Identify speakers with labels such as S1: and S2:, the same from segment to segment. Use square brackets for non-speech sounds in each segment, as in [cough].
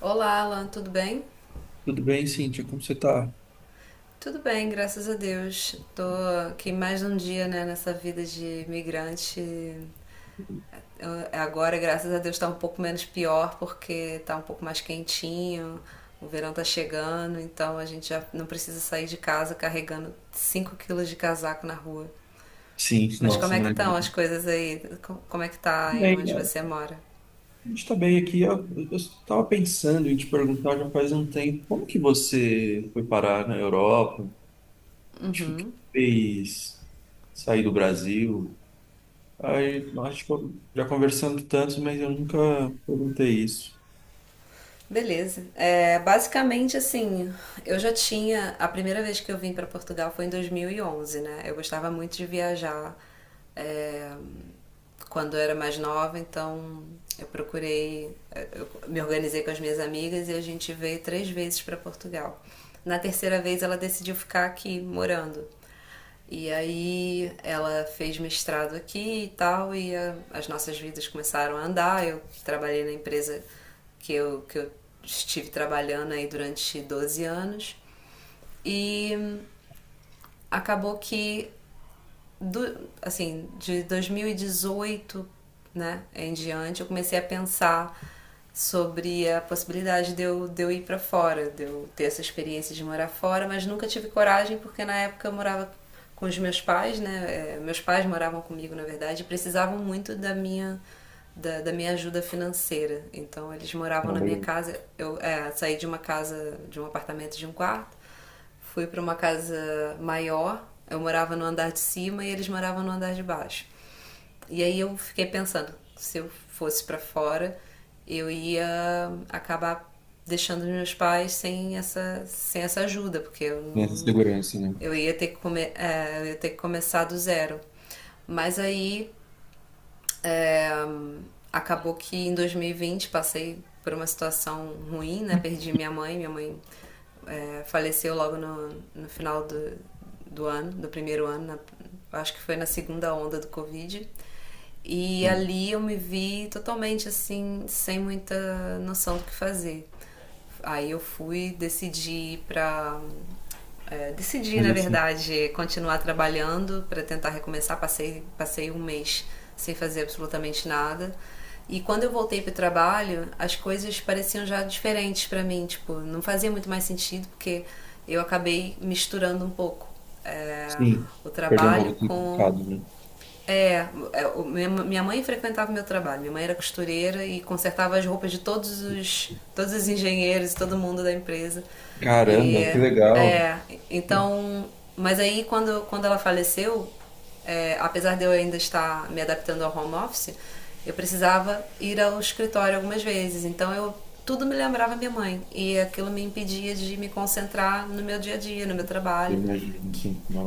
S1: Olá, Alan, tudo bem?
S2: Tudo bem, Cíntia? Como você está?
S1: Tudo bem, graças a Deus. Tô aqui mais um dia, né, nessa vida de imigrante. Agora, graças a Deus, tá um pouco menos pior porque tá um pouco mais quentinho. O verão tá chegando, então a gente já não precisa sair de casa carregando 5 quilos de casaco na rua.
S2: Sim,
S1: Mas como
S2: nossa,
S1: é que
S2: imagina.
S1: estão as coisas aí? Como é que tá aí
S2: Bem,
S1: onde você
S2: a
S1: mora?
S2: gente está bem aqui. Eu estava pensando em te perguntar já faz um tempo, como que você foi parar na Europa? Tipo, o que fez sair do Brasil? Aí, acho que eu, já conversando tanto, mas eu nunca perguntei isso.
S1: Beleza. É, basicamente, assim, eu já tinha. A primeira vez que eu vim para Portugal foi em 2011, né? Eu gostava muito de viajar é, quando eu era mais nova, então eu procurei. Eu me organizei com as minhas amigas e a gente veio três vezes para Portugal. Na terceira vez, ela decidiu ficar aqui morando. E aí ela fez mestrado aqui e tal, e as nossas vidas começaram a andar. Eu trabalhei na empresa que eu estive trabalhando aí durante 12 anos, e acabou que de 2018 né, em diante, eu comecei a pensar sobre a possibilidade de eu ir para fora, de eu ter essa experiência de morar fora, mas nunca tive coragem porque na época eu morava com os meus pais, né? É, meus pais moravam comigo, na verdade, e precisavam muito da minha ajuda financeira. Então eles moravam
S2: Ah,
S1: na minha
S2: legal.
S1: casa, eu saí de uma casa, de um apartamento de um quarto. Fui para uma casa maior, eu morava no andar de cima e eles moravam no andar de baixo. E aí eu fiquei pensando, se eu fosse para fora, eu ia acabar deixando os meus pais sem essa ajuda, porque eu
S2: Nessa
S1: não,
S2: segurança, né?
S1: eu ia ter que começar do zero. Mas aí é, acabou que em 2020 passei por uma situação ruim, né? Perdi minha mãe faleceu logo no final do ano, do primeiro ano, acho que foi na segunda onda do Covid. E
S2: Sim.
S1: ali eu me vi totalmente assim, sem muita noção do que fazer. Aí eu fui, decidi decidi,
S2: Mas
S1: na
S2: assim,
S1: verdade, continuar trabalhando para tentar recomeçar. Passei um mês sem fazer absolutamente nada. E quando eu voltei para o trabalho, as coisas pareciam já diferentes para mim. Tipo, não fazia muito mais sentido porque eu acabei misturando um pouco é,
S2: sim,
S1: o
S2: perdeu um
S1: trabalho
S2: pouco de
S1: com
S2: significado, né?
S1: é, é, minha mãe frequentava o meu trabalho. Minha mãe era costureira e consertava as roupas de todos os engenheiros e todo mundo da empresa. E
S2: Caramba, que legal.
S1: é,
S2: Eu
S1: então, mas aí quando ela faleceu, apesar de eu ainda estar me adaptando ao home office, eu precisava ir ao escritório algumas vezes. Então eu tudo me lembrava minha mãe e aquilo me impedia de me concentrar no meu dia a dia, no meu trabalho
S2: imagino.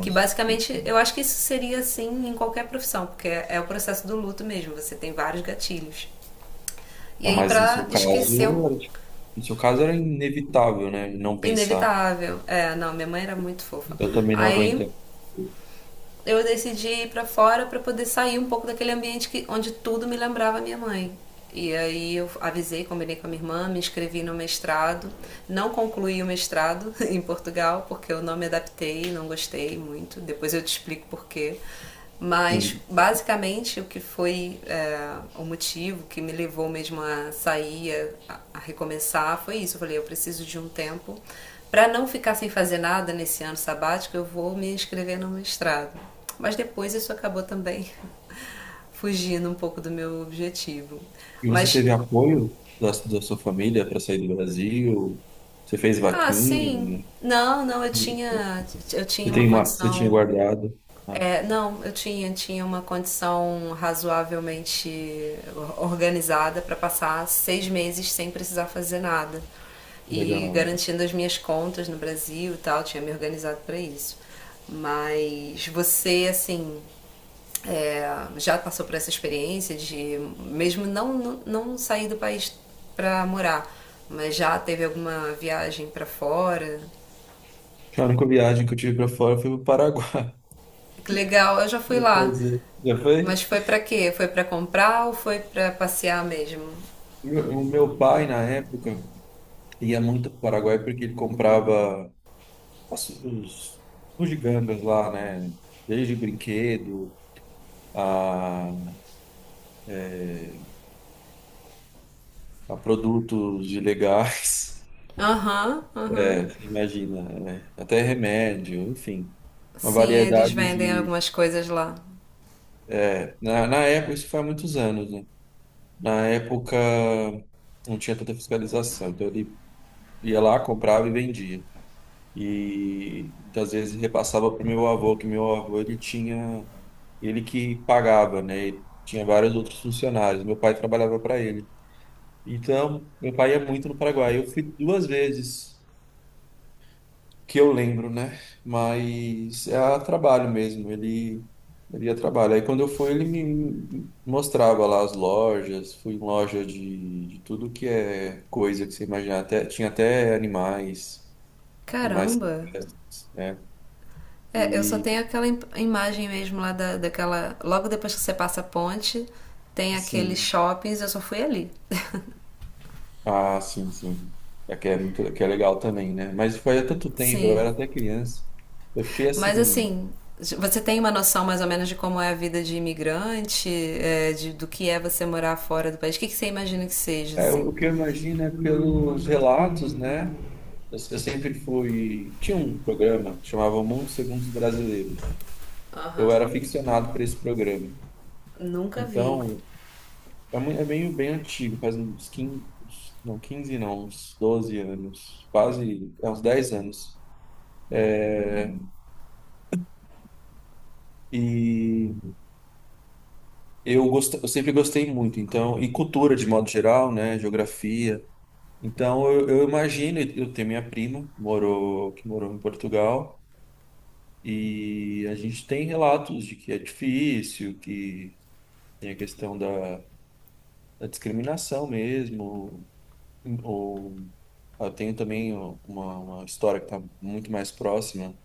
S1: que basicamente, eu acho que isso seria assim em qualquer profissão, porque é o processo do luto mesmo, você tem vários gatilhos. E
S2: Não,
S1: aí,
S2: mas no
S1: pra
S2: seu caso,
S1: esquecer o
S2: era, tipo, no seu caso era inevitável, né? Não pensar.
S1: inevitável. É, não, minha mãe era muito fofa.
S2: Eu também não
S1: Aí
S2: aguento.
S1: eu decidi ir pra fora pra poder sair um pouco daquele ambiente onde tudo me lembrava minha mãe. E aí eu avisei, combinei com a minha irmã, me inscrevi no mestrado. Não concluí o mestrado [laughs] em Portugal, porque eu não me adaptei, não gostei muito. Depois eu te explico porquê. Mas
S2: Sim.
S1: basicamente o que foi o motivo que me levou mesmo a sair, a recomeçar, foi isso. Eu falei, eu preciso de um tempo para não ficar sem fazer nada nesse ano sabático. Eu vou me inscrever no mestrado. Mas depois isso acabou também [laughs] fugindo um pouco do meu objetivo.
S2: E você
S1: Mas
S2: teve apoio da sua família para sair do Brasil? Você fez
S1: ah, sim,
S2: vaquinha?
S1: não, não,
S2: Você
S1: eu tinha uma
S2: tem uma, você tinha
S1: condição.
S2: guardado? Ah,
S1: É, não, eu tinha uma condição razoavelmente organizada para passar 6 meses sem precisar fazer nada e
S2: legal.
S1: garantindo as minhas contas no Brasil e tal, tinha me organizado para isso. Mas você, assim, é, já passou por essa experiência de, mesmo não sair do país para morar, mas já teve alguma viagem para fora?
S2: A única viagem que eu tive para fora foi para o Paraguai.
S1: Que legal, eu já
S2: [laughs]
S1: fui
S2: Vou
S1: lá.
S2: fazer. Já foi?
S1: Mas foi pra quê? Foi pra comprar ou foi pra passear mesmo?
S2: O meu pai, na época, ia muito para o Paraguai porque ele comprava os bugigangas lá, né? Desde brinquedo a, a produtos ilegais. [laughs]
S1: Aham,
S2: É,
S1: aham.
S2: imagina, né? Até remédio, enfim. Uma
S1: Sim, eles
S2: variedade
S1: vendem
S2: de.
S1: algumas coisas lá.
S2: Na época, isso faz muitos anos, né? Na época, não tinha tanta fiscalização, então ele ia lá, comprava e vendia. E às vezes repassava para o meu avô, que meu avô ele tinha. Ele que pagava, né? Ele tinha vários outros funcionários, meu pai trabalhava para ele. Então, meu pai ia muito no Paraguai. Eu fui duas vezes, que eu lembro, né? Mas é a trabalho mesmo, ele ia a trabalho. Aí quando eu fui, ele me mostrava lá as lojas, fui em loja de tudo que é coisa que você imaginar, até, tinha até animais, animais
S1: Caramba!
S2: silvestres, né?
S1: É, eu só
S2: E
S1: tenho aquela imagem mesmo lá daquela. Logo depois que você passa a ponte, tem aqueles
S2: sim,
S1: shoppings, eu só fui ali.
S2: ah, sim, sim. É que é muito, que é legal também, né? Mas foi há tanto tempo, eu
S1: Sim.
S2: era até criança. Eu fiquei
S1: Mas
S2: assim,
S1: assim, você tem uma noção mais ou menos de como é a vida de imigrante, do que é você morar fora do país? O que, que você imagina que seja,
S2: é, o
S1: assim?
S2: que eu imagino é pelos relatos, né? Eu sempre fui. Tinha um programa que chamava O Mundo Segundo os Brasileiros.
S1: Aham.
S2: Eu era aficionado por esse programa.
S1: Nunca vi.
S2: Então, é meio bem antigo, faz uns 15 não, 15 não, uns 12 anos, quase, é, uns 10 anos. E eu, eu sempre gostei muito, então, e cultura de modo geral, né? Geografia. Então, eu imagino, eu tenho minha prima, morou, que morou em Portugal. E a gente tem relatos de que é difícil, que tem a questão da, da discriminação mesmo, ou eu tenho também uma história que está muito mais próxima,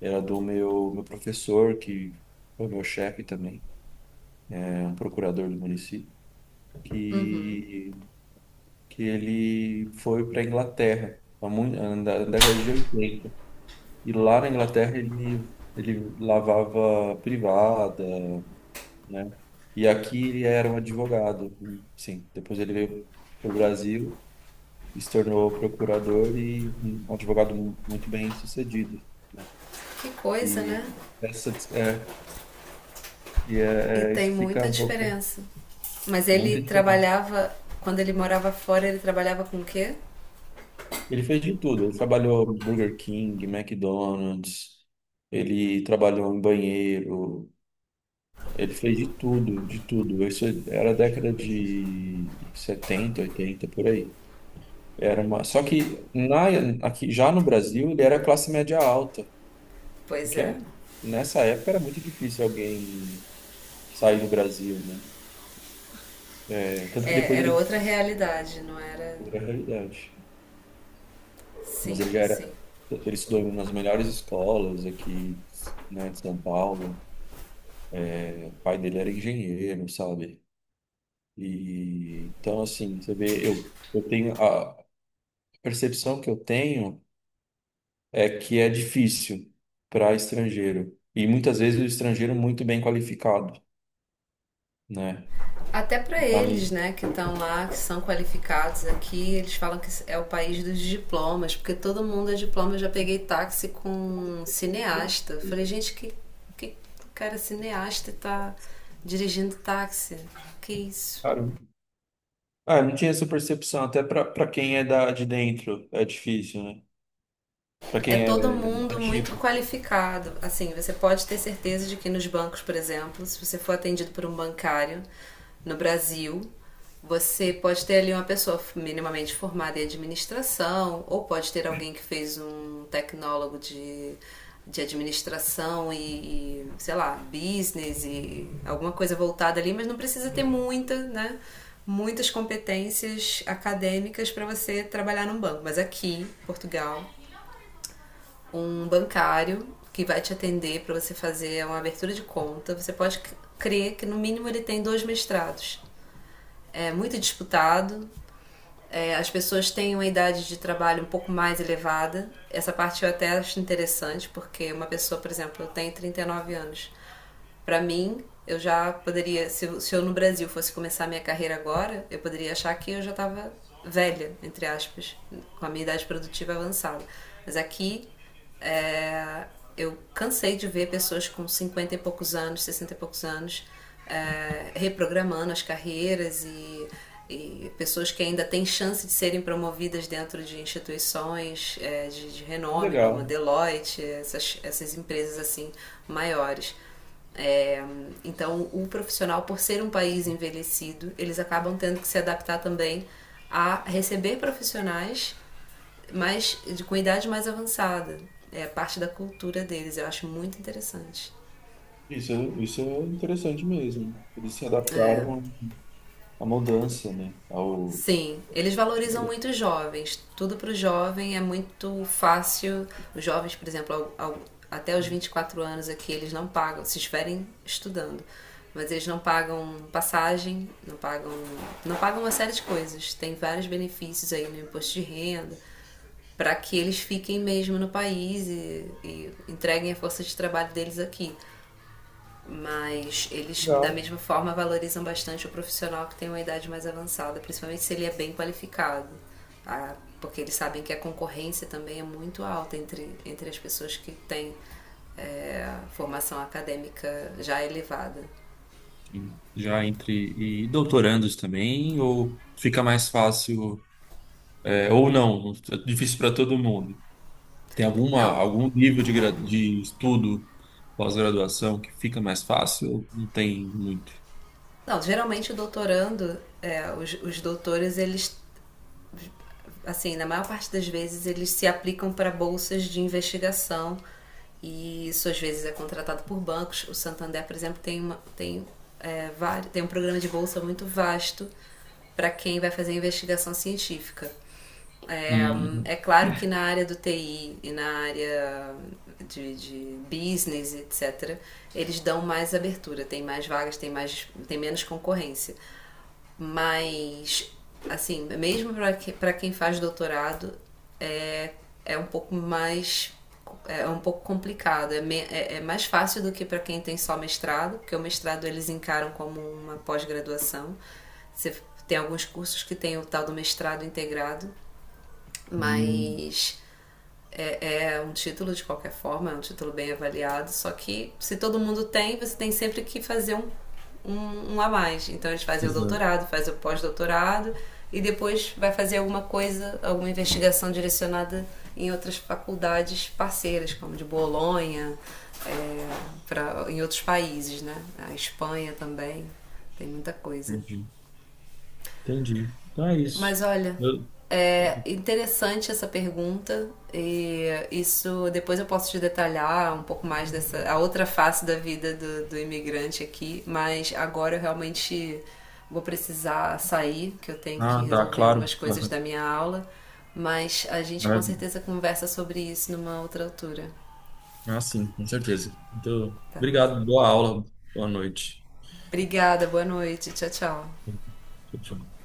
S2: era do meu professor, que foi meu chefe também, é um procurador do município, que, que ele foi para a Inglaterra, na década de 80, e lá na Inglaterra ele lavava privada, né? E aqui ele era um advogado, sim. Depois ele veio para o Brasil, se tornou procurador e um advogado muito bem sucedido, né?
S1: Que coisa, né?
S2: E essa dis- é, e
S1: E
S2: é, é,
S1: tem
S2: isso fica
S1: muita
S2: um pouco
S1: diferença. Mas ele
S2: muita diferença.
S1: trabalhava, quando ele morava fora, ele trabalhava com o quê?
S2: Ele fez de tudo. Ele trabalhou no Burger King, McDonald's. Ele trabalhou em banheiro. Ele fez de tudo, de tudo. Isso era a década de 70, 80 por aí. Era uma... Só que na... aqui, já no Brasil ele era classe média alta, e
S1: Pois
S2: que
S1: é.
S2: é... nessa época era muito difícil alguém sair do Brasil, né? Tanto que
S1: é
S2: depois
S1: era
S2: ele
S1: outra realidade, não era?
S2: foi a realidade.
S1: Sim,
S2: Mas ele já
S1: sim.
S2: era. Ele estudou nas melhores escolas aqui, né, de São Paulo. O pai dele era engenheiro, sabe? E então, assim, você vê, eu tenho a percepção que eu tenho. É que é difícil para estrangeiro. E muitas vezes o estrangeiro muito bem qualificado, né?
S1: Até para eles,
S2: Mas,
S1: né, que estão lá, que são qualificados aqui, eles falam que é o país dos diplomas, porque todo mundo é diploma. Eu já peguei táxi com um cineasta. Eu falei, gente, que cara cineasta e tá dirigindo táxi? Que isso?
S2: cara, ah, eu não tinha essa percepção. Até para para quem é da, de dentro é difícil, né? Para
S1: É
S2: quem é
S1: todo mundo muito
S2: nativo.
S1: qualificado. Assim, você pode ter certeza de que nos bancos, por exemplo, se você for atendido por um bancário no Brasil, você pode ter ali uma pessoa minimamente formada em administração, ou pode ter alguém que fez um tecnólogo de administração e, sei lá, business e alguma coisa voltada ali, mas não precisa ter muita, né? Muitas competências acadêmicas para você trabalhar num banco. Mas aqui, Portugal, um bancário que vai te atender para você fazer uma abertura de conta. Você pode crer que no mínimo ele tem dois mestrados. É muito disputado. As pessoas têm uma idade de trabalho um pouco mais elevada. Essa parte eu até acho interessante, porque uma pessoa, por exemplo, eu tenho 39 anos. Para mim, eu já poderia, se eu no Brasil fosse começar a minha carreira agora, eu poderia achar que eu já estava velha, entre aspas, com a minha idade produtiva avançada. Mas aqui é, eu cansei de ver pessoas com 50 e poucos anos, 60 e poucos anos, reprogramando as carreiras e pessoas que ainda têm chance de serem promovidas dentro de instituições de renome, como a
S2: Legal.
S1: Deloitte, essas empresas assim maiores. É, então, o profissional, por ser um país envelhecido, eles acabam tendo que se adaptar também a receber profissionais mas com idade mais avançada. É parte da cultura deles, eu acho muito interessante.
S2: Isso, isso é interessante mesmo. Eles se
S1: É.
S2: adaptaram à mudança, né? Ao...
S1: Sim, eles valorizam muito os jovens. Tudo para o jovem é muito fácil. Os jovens, por exemplo, até os 24 anos aqui, eles não pagam, se estiverem estudando. Mas eles não pagam passagem, não pagam uma série de coisas. Tem vários benefícios aí no imposto de renda para que eles fiquem mesmo no país e entreguem a força de trabalho deles aqui. Mas eles, da
S2: Legal.
S1: mesma forma, valorizam bastante o profissional que tem uma idade mais avançada, principalmente se ele é bem qualificado. Tá? Porque eles sabem que a concorrência também é muito alta entre as pessoas que têm formação acadêmica já elevada.
S2: Sim. Já entre e doutorandos também, ou fica mais fácil, é, ou não, é difícil para todo mundo. Tem alguma,
S1: Não,
S2: algum nível de, de estudo, pós-graduação, que fica mais fácil? Não tem muito.
S1: não geralmente o doutorando, os doutores, eles assim, na maior parte das vezes eles se aplicam para bolsas de investigação e isso às vezes é contratado por bancos. O Santander, por exemplo, tem, uma, tem, é, vários, tem um programa de bolsa muito vasto para quem vai fazer investigação científica. É,
S2: Hum,
S1: claro que na área do TI e na área de business, etc., eles dão mais abertura, tem mais vagas, tem menos concorrência. Mas, assim, mesmo para quem faz doutorado, é, é um pouco mais. É um pouco complicado, é mais fácil do que para quem tem só mestrado, porque o mestrado eles encaram como uma pós-graduação. Você tem alguns cursos que tem o tal do mestrado integrado,
S2: hum,
S1: mas é um título de qualquer forma, é um título bem avaliado, só que se todo mundo tem, você tem sempre que fazer um a mais. Então eles fazem o
S2: exato.
S1: doutorado, fazem o pós-doutorado e depois vai fazer alguma coisa, alguma investigação direcionada em outras faculdades parceiras, como de Bolonha, é, em outros países, né? A Espanha também, tem muita coisa.
S2: Entendi. Entendi. Então é isso.
S1: Mas olha,
S2: Eu-
S1: é
S2: eu-
S1: interessante essa pergunta e isso depois eu posso te detalhar um pouco mais dessa a outra face da vida do imigrante aqui, mas agora eu realmente vou precisar sair, que eu tenho que
S2: Ah, tá,
S1: resolver algumas
S2: claro,
S1: coisas da minha aula, mas a gente com
S2: claro.
S1: certeza conversa sobre isso numa outra altura,
S2: Ah, sim, com certeza. Então,
S1: tá?
S2: obrigado, boa aula, boa noite.
S1: Obrigada, boa noite, tchau, tchau.
S2: Tchau, tchau.